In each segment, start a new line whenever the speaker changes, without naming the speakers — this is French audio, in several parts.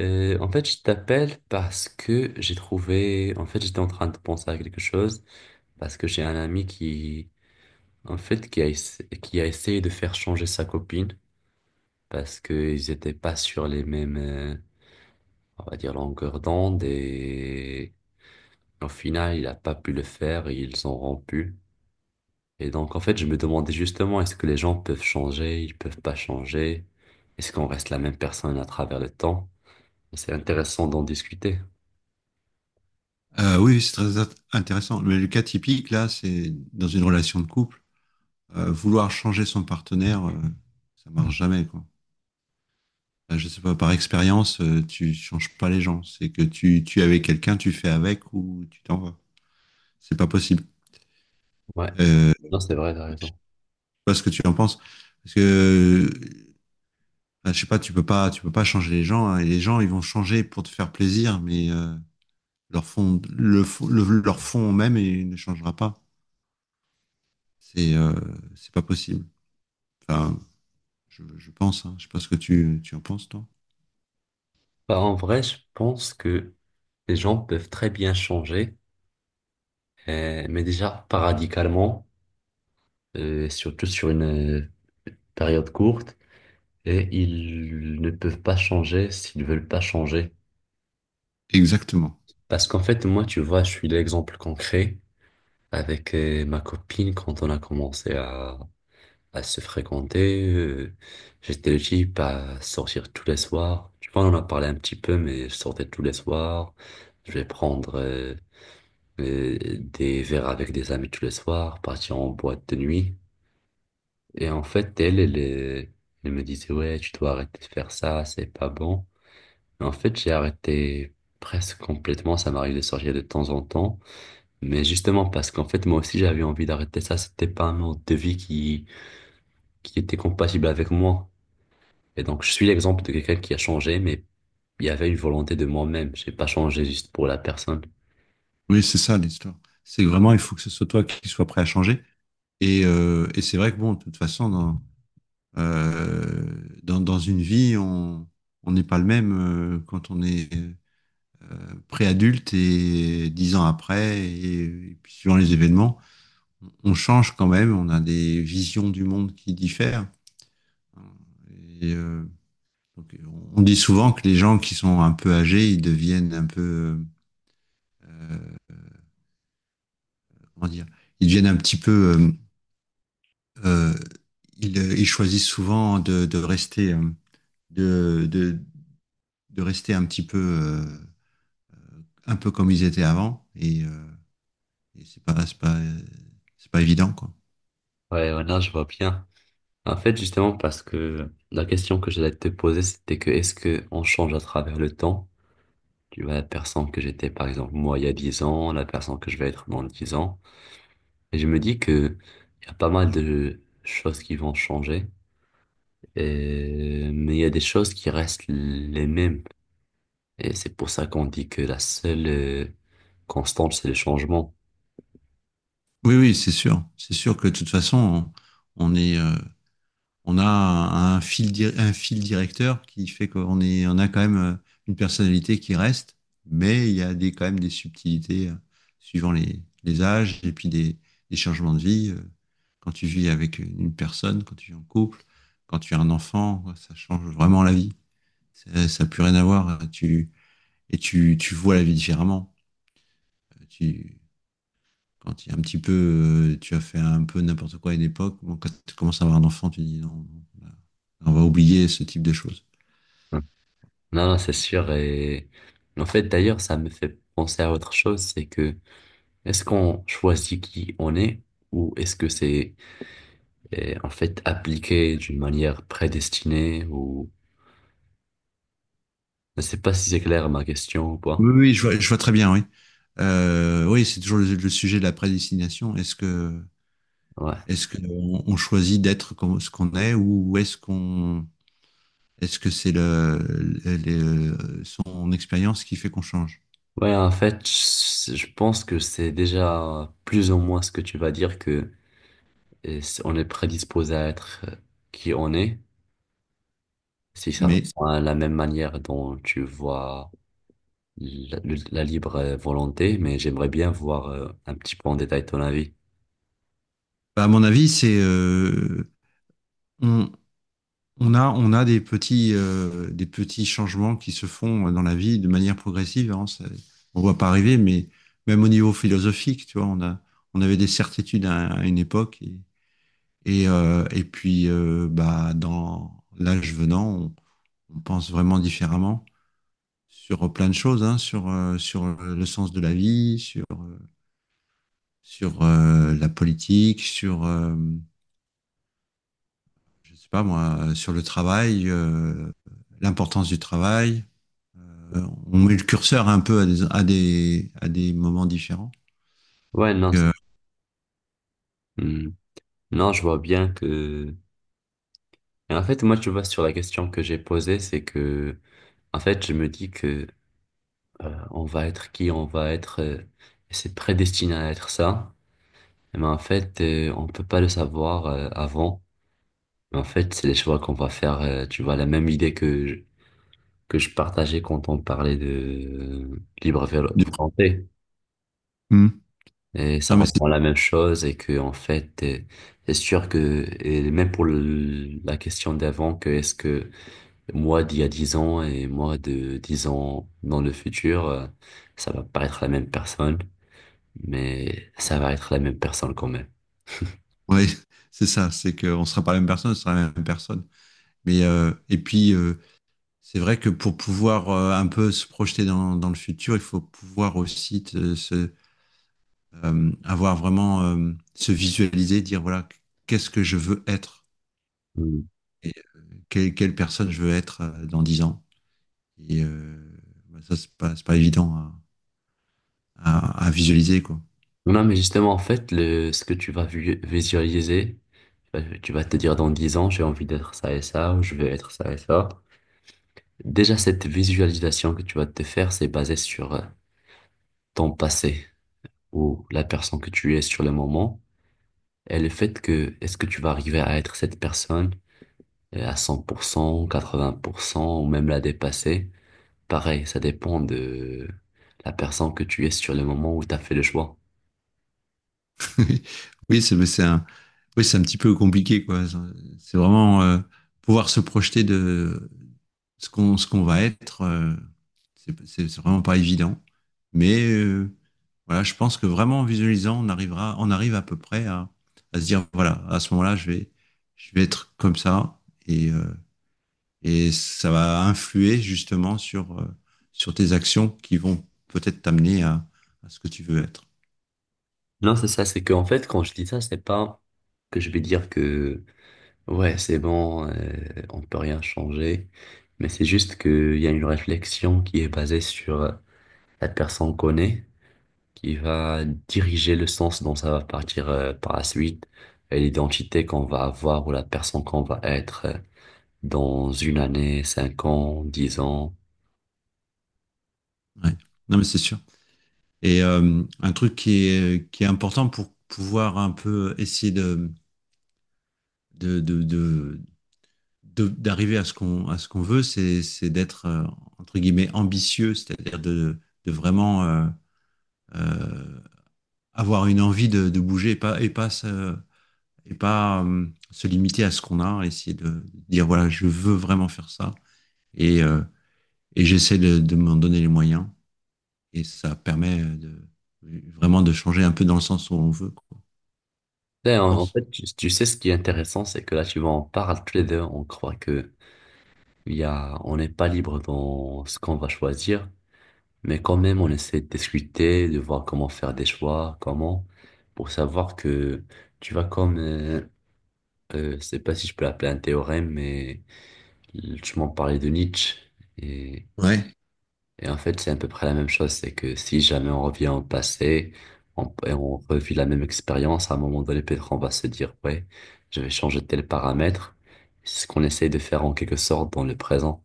En fait, je t'appelle parce que j'ai trouvé, en fait, j'étais en train de penser à quelque chose, parce que j'ai un ami qui, en fait, qui a essayé de faire changer sa copine, parce qu'ils n'étaient pas sur les mêmes, on va dire, longueurs d'onde, et au final, il a pas pu le faire, et ils ont rompu. Et donc, en fait, je me demandais justement, est-ce que les gens peuvent changer, ils peuvent pas changer? Est-ce qu'on reste la même personne à travers le temps? C'est intéressant d'en discuter.
Oui, oui, c'est très intéressant. Mais le cas typique, là, c'est dans une relation de couple, vouloir changer son partenaire, ça marche jamais, quoi. Je sais pas, par expérience, tu changes pas les gens. C'est que tu es avec quelqu'un, tu fais avec ou tu t'en vas. C'est pas possible.
Ouais,
Je sais
non, c'est vrai, t'as raison.
pas ce que tu en penses. Parce que, bah, je sais pas, tu peux pas, tu peux pas changer les gens, hein. Et les gens, ils vont changer pour te faire plaisir, mais, leur fond, leur fond même, il ne changera pas. C'est euh, c'est pas possible. Enfin, je pense, hein. Je ne sais pas ce que tu en penses, toi.
Bah, en vrai, je pense que les gens peuvent très bien changer, mais déjà pas radicalement, surtout sur une euh, période courte, et ils ne peuvent pas changer s'ils veulent pas changer.
Exactement.
Parce qu'en fait, moi, tu vois, je suis l'exemple concret avec ma copine quand on a commencé à se fréquenter. J'étais le type à sortir tous les soirs. Tu vois, on en a parlé un petit peu, mais je sortais tous les soirs. Je vais prendre des verres avec des amis tous les soirs, partir en boîte de nuit. Et en fait, elle me disait, ouais, tu dois arrêter de faire ça, c'est pas bon. Mais en fait, j'ai arrêté presque complètement. Ça m'arrive de sortir de temps en temps. Mais justement, parce qu'en fait, moi aussi, j'avais envie d'arrêter ça. C'était pas un mode de vie qui était compatible avec moi. Et donc, je suis l'exemple de quelqu'un qui a changé, mais il y avait une volonté de moi-même. J'ai pas changé juste pour la personne.
Oui, c'est ça l'histoire. C'est vraiment, il faut que ce soit toi qui sois prêt à changer. Et c'est vrai que, bon, de toute façon, euh, dans une vie, on n'est pas le même, quand on est, pré-adulte et 10 ans après, et puis suivant les événements, on change quand même, on a des visions du monde qui diffèrent. Et, euh, donc, on dit souvent que les gens qui sont un peu âgés, ils deviennent un peu, comment dire, ils deviennent un petit peu, euh, euh, ils choisissent souvent de rester, de, de, rester un petit peu, un peu comme ils étaient avant, et c'est pas évident, quoi.
Ouais, voilà, je vois bien. En fait, justement, parce que la question que j'allais te poser, c'était que est-ce que on change à travers le temps? Tu vois, la personne que j'étais, par exemple, moi, il y a 10 ans, la personne que je vais être dans 10 ans. Et je me dis que il y a pas mal de choses qui vont changer. Mais il y a des choses qui restent les mêmes. Et c'est pour ça qu'on dit que la seule constante, c'est le changement.
Oui, oui, c'est sûr que de toute façon, on est, un fil directeur qui fait qu'on est, on a quand même, une personnalité qui reste, mais il y a quand même des subtilités, suivant les âges et puis des changements de vie. Quand tu vis avec une personne, quand tu vis en couple, quand tu as un enfant, ouais, ça change vraiment la vie. Ça n'a plus rien à voir. Tu vois la vie différemment. Euh, Tu, Quand il y a un petit peu, tu as fait un peu n'importe quoi à une époque, bon, quand tu commences à avoir un enfant, tu dis non, non, on va oublier ce type de choses.
Mm. Non, non, c'est sûr. Et en fait, d'ailleurs, ça me fait penser à autre chose, c'est que est-ce qu'on choisit qui on est ou est-ce que c'est en fait appliqué d'une manière prédestinée ou je sais pas si c'est clair ma question ou pas.
Oui, oui, je vois très bien, oui. Oui, c'est toujours le sujet de la prédestination. Est-ce que,
Ouais.
est-ce que on, choisit d'être comme ce qu'on est ou est-ce que c'est son expérience qui fait qu'on change?
Ouais, en fait, je pense que c'est déjà plus ou moins ce que tu vas dire que. Et on est prédisposé à être qui on est, si ça, mhm,
Mais
répond à la même manière dont tu vois la libre volonté, mais j'aimerais bien voir un petit peu en détail ton avis.
bah, à mon avis, c'est, on, on a des petits changements qui se font dans la vie de manière progressive. Hein, on ne voit pas arriver, mais même au niveau philosophique, tu vois, on avait des certitudes, à une époque. Et puis, bah, dans l'âge venant, on pense vraiment différemment sur plein de choses, hein, sur le sens de la vie, sur, sur la politique, je sais pas moi, sur le travail, l'importance du travail, euh, on met le curseur un peu à à des moments différents.
Ouais,
Donc,
non, hmm. Non, je vois bien que... Et en fait, moi, tu vois, sur la question que j'ai posée, c'est que, en fait, je me dis que on va être qui on va être, c'est prédestiné à être ça, mais en fait, on peut pas le savoir avant. En fait, c'est les choix qu'on va faire, tu vois, la même idée que je partageais quand on parlait de libre
du-
volonté.
hmm.
Et ça
Non, mais c'est
reprend la même chose et que, en fait, c'est sûr que, et même pour la question d'avant, que est-ce que moi d'il y a 10 ans et moi de 10 ans dans le futur, ça va pas être la même personne, mais ça va être la même personne quand même.
ouais, c'est ça, c'est qu'on ne sera pas la même personne, on sera la même personne. Mais, et puis, c'est vrai que pour pouvoir, un peu se projeter le futur, il faut pouvoir aussi se, avoir vraiment, se visualiser, dire voilà, qu'est-ce que je veux être
Mm.
et quelle personne je veux être, dans 10 ans. Et, bah, ça, c'est pas évident, hein, à visualiser, quoi.
Non, mais justement, en fait, ce que tu vas visualiser, tu vas te dire dans 10 ans, j'ai envie d'être ça et ça, ou je vais être ça et ça. Déjà, cette visualisation que tu vas te faire, c'est basé sur ton passé ou la personne que tu es sur le moment et le fait que est-ce que tu vas arriver à être cette personne à 100% 80% ou même la dépasser. Pareil, ça dépend de la personne que tu es sur le moment où tu as fait le choix.
Oui, oui, c'est mais c'est un, oui, c'est un petit peu compliqué, quoi. C'est vraiment, pouvoir se projeter de ce qu'on va être. C'est vraiment pas évident. Mais, voilà, je pense que vraiment en visualisant, on arrive à peu près à se dire, voilà, à ce moment-là, je vais être comme ça. Et, euh, et ça va influer justement, sur tes actions qui vont peut-être t'amener, à ce que tu veux être.
Non, c'est ça, c'est qu'en fait, quand je dis ça, c'est pas que je vais dire que. Ouais, c'est bon, on peut rien changer. Mais c'est juste qu'il y a une réflexion qui est basée sur la personne qu'on est, qui va diriger le sens dont ça va partir par la suite, et l'identité qu'on va avoir ou la personne qu'on va être dans une année, 5 ans, 10 ans.
Ouais. Non, mais c'est sûr. Et, un truc qui est important pour pouvoir un peu essayer de, de, de- d'arriver à ce qu'on veut, c'est d'être, entre guillemets, ambitieux, c'est-à-dire de vraiment, euh, avoir une envie de bouger et pas se limiter à ce qu'on a, essayer de dire, voilà, je veux vraiment faire ça. Et, euh, et j'essaie de m'en donner les moyens. Et ça permet vraiment de changer un peu dans le sens où on veut, quoi,
Et
je
en
pense.
fait, tu sais, ce qui est intéressant, c'est que là, tu vois, on parle tous les deux, on croit que on n'est pas libre dans ce qu'on va choisir. Mais quand même, on essaie de discuter, de voir comment faire des choix, comment, pour savoir que tu vas comme, je sais pas si je peux l'appeler un théorème, mais tu m'en parlais de Nietzsche. Et,
Ouais,
et en fait, c'est à peu près la même chose, c'est que si jamais on revient au passé, on, et on revit la même expérience, à un moment donné, peut-être on va se dire, ouais, je vais changer tel paramètre. C'est ce qu'on essaie de faire en quelque sorte dans le présent.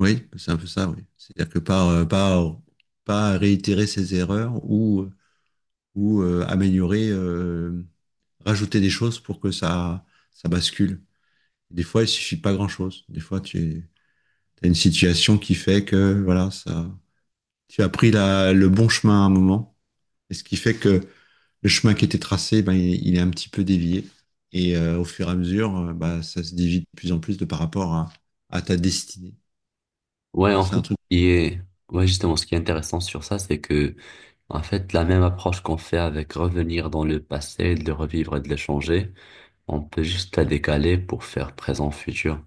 oui, c'est un peu ça, oui. C'est-à-dire que pas réitérer ses erreurs, ou, améliorer, rajouter des choses pour que ça bascule. Des fois, il suffit pas grand-chose. Des fois, tu as une situation qui fait que voilà, ça, tu as pris le bon chemin à un moment. Et ce qui fait que le chemin qui était tracé, ben, il est un petit peu dévié. Et, au fur et à mesure, bah, ça se dévie de plus en plus de par rapport, à ta destinée. Je
Ouais,
pense
en
que c'est
fait,
un truc.
il est... ouais, justement, ce qui est intéressant sur ça, c'est que en fait, la même approche qu'on fait avec revenir dans le passé, de le revivre et de le changer, on peut juste la décaler pour faire présent, futur.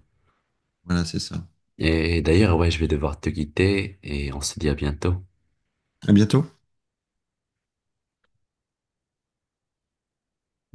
Voilà, c'est ça.
Et d'ailleurs, ouais, je vais devoir te quitter et on se dit à bientôt.
À bientôt.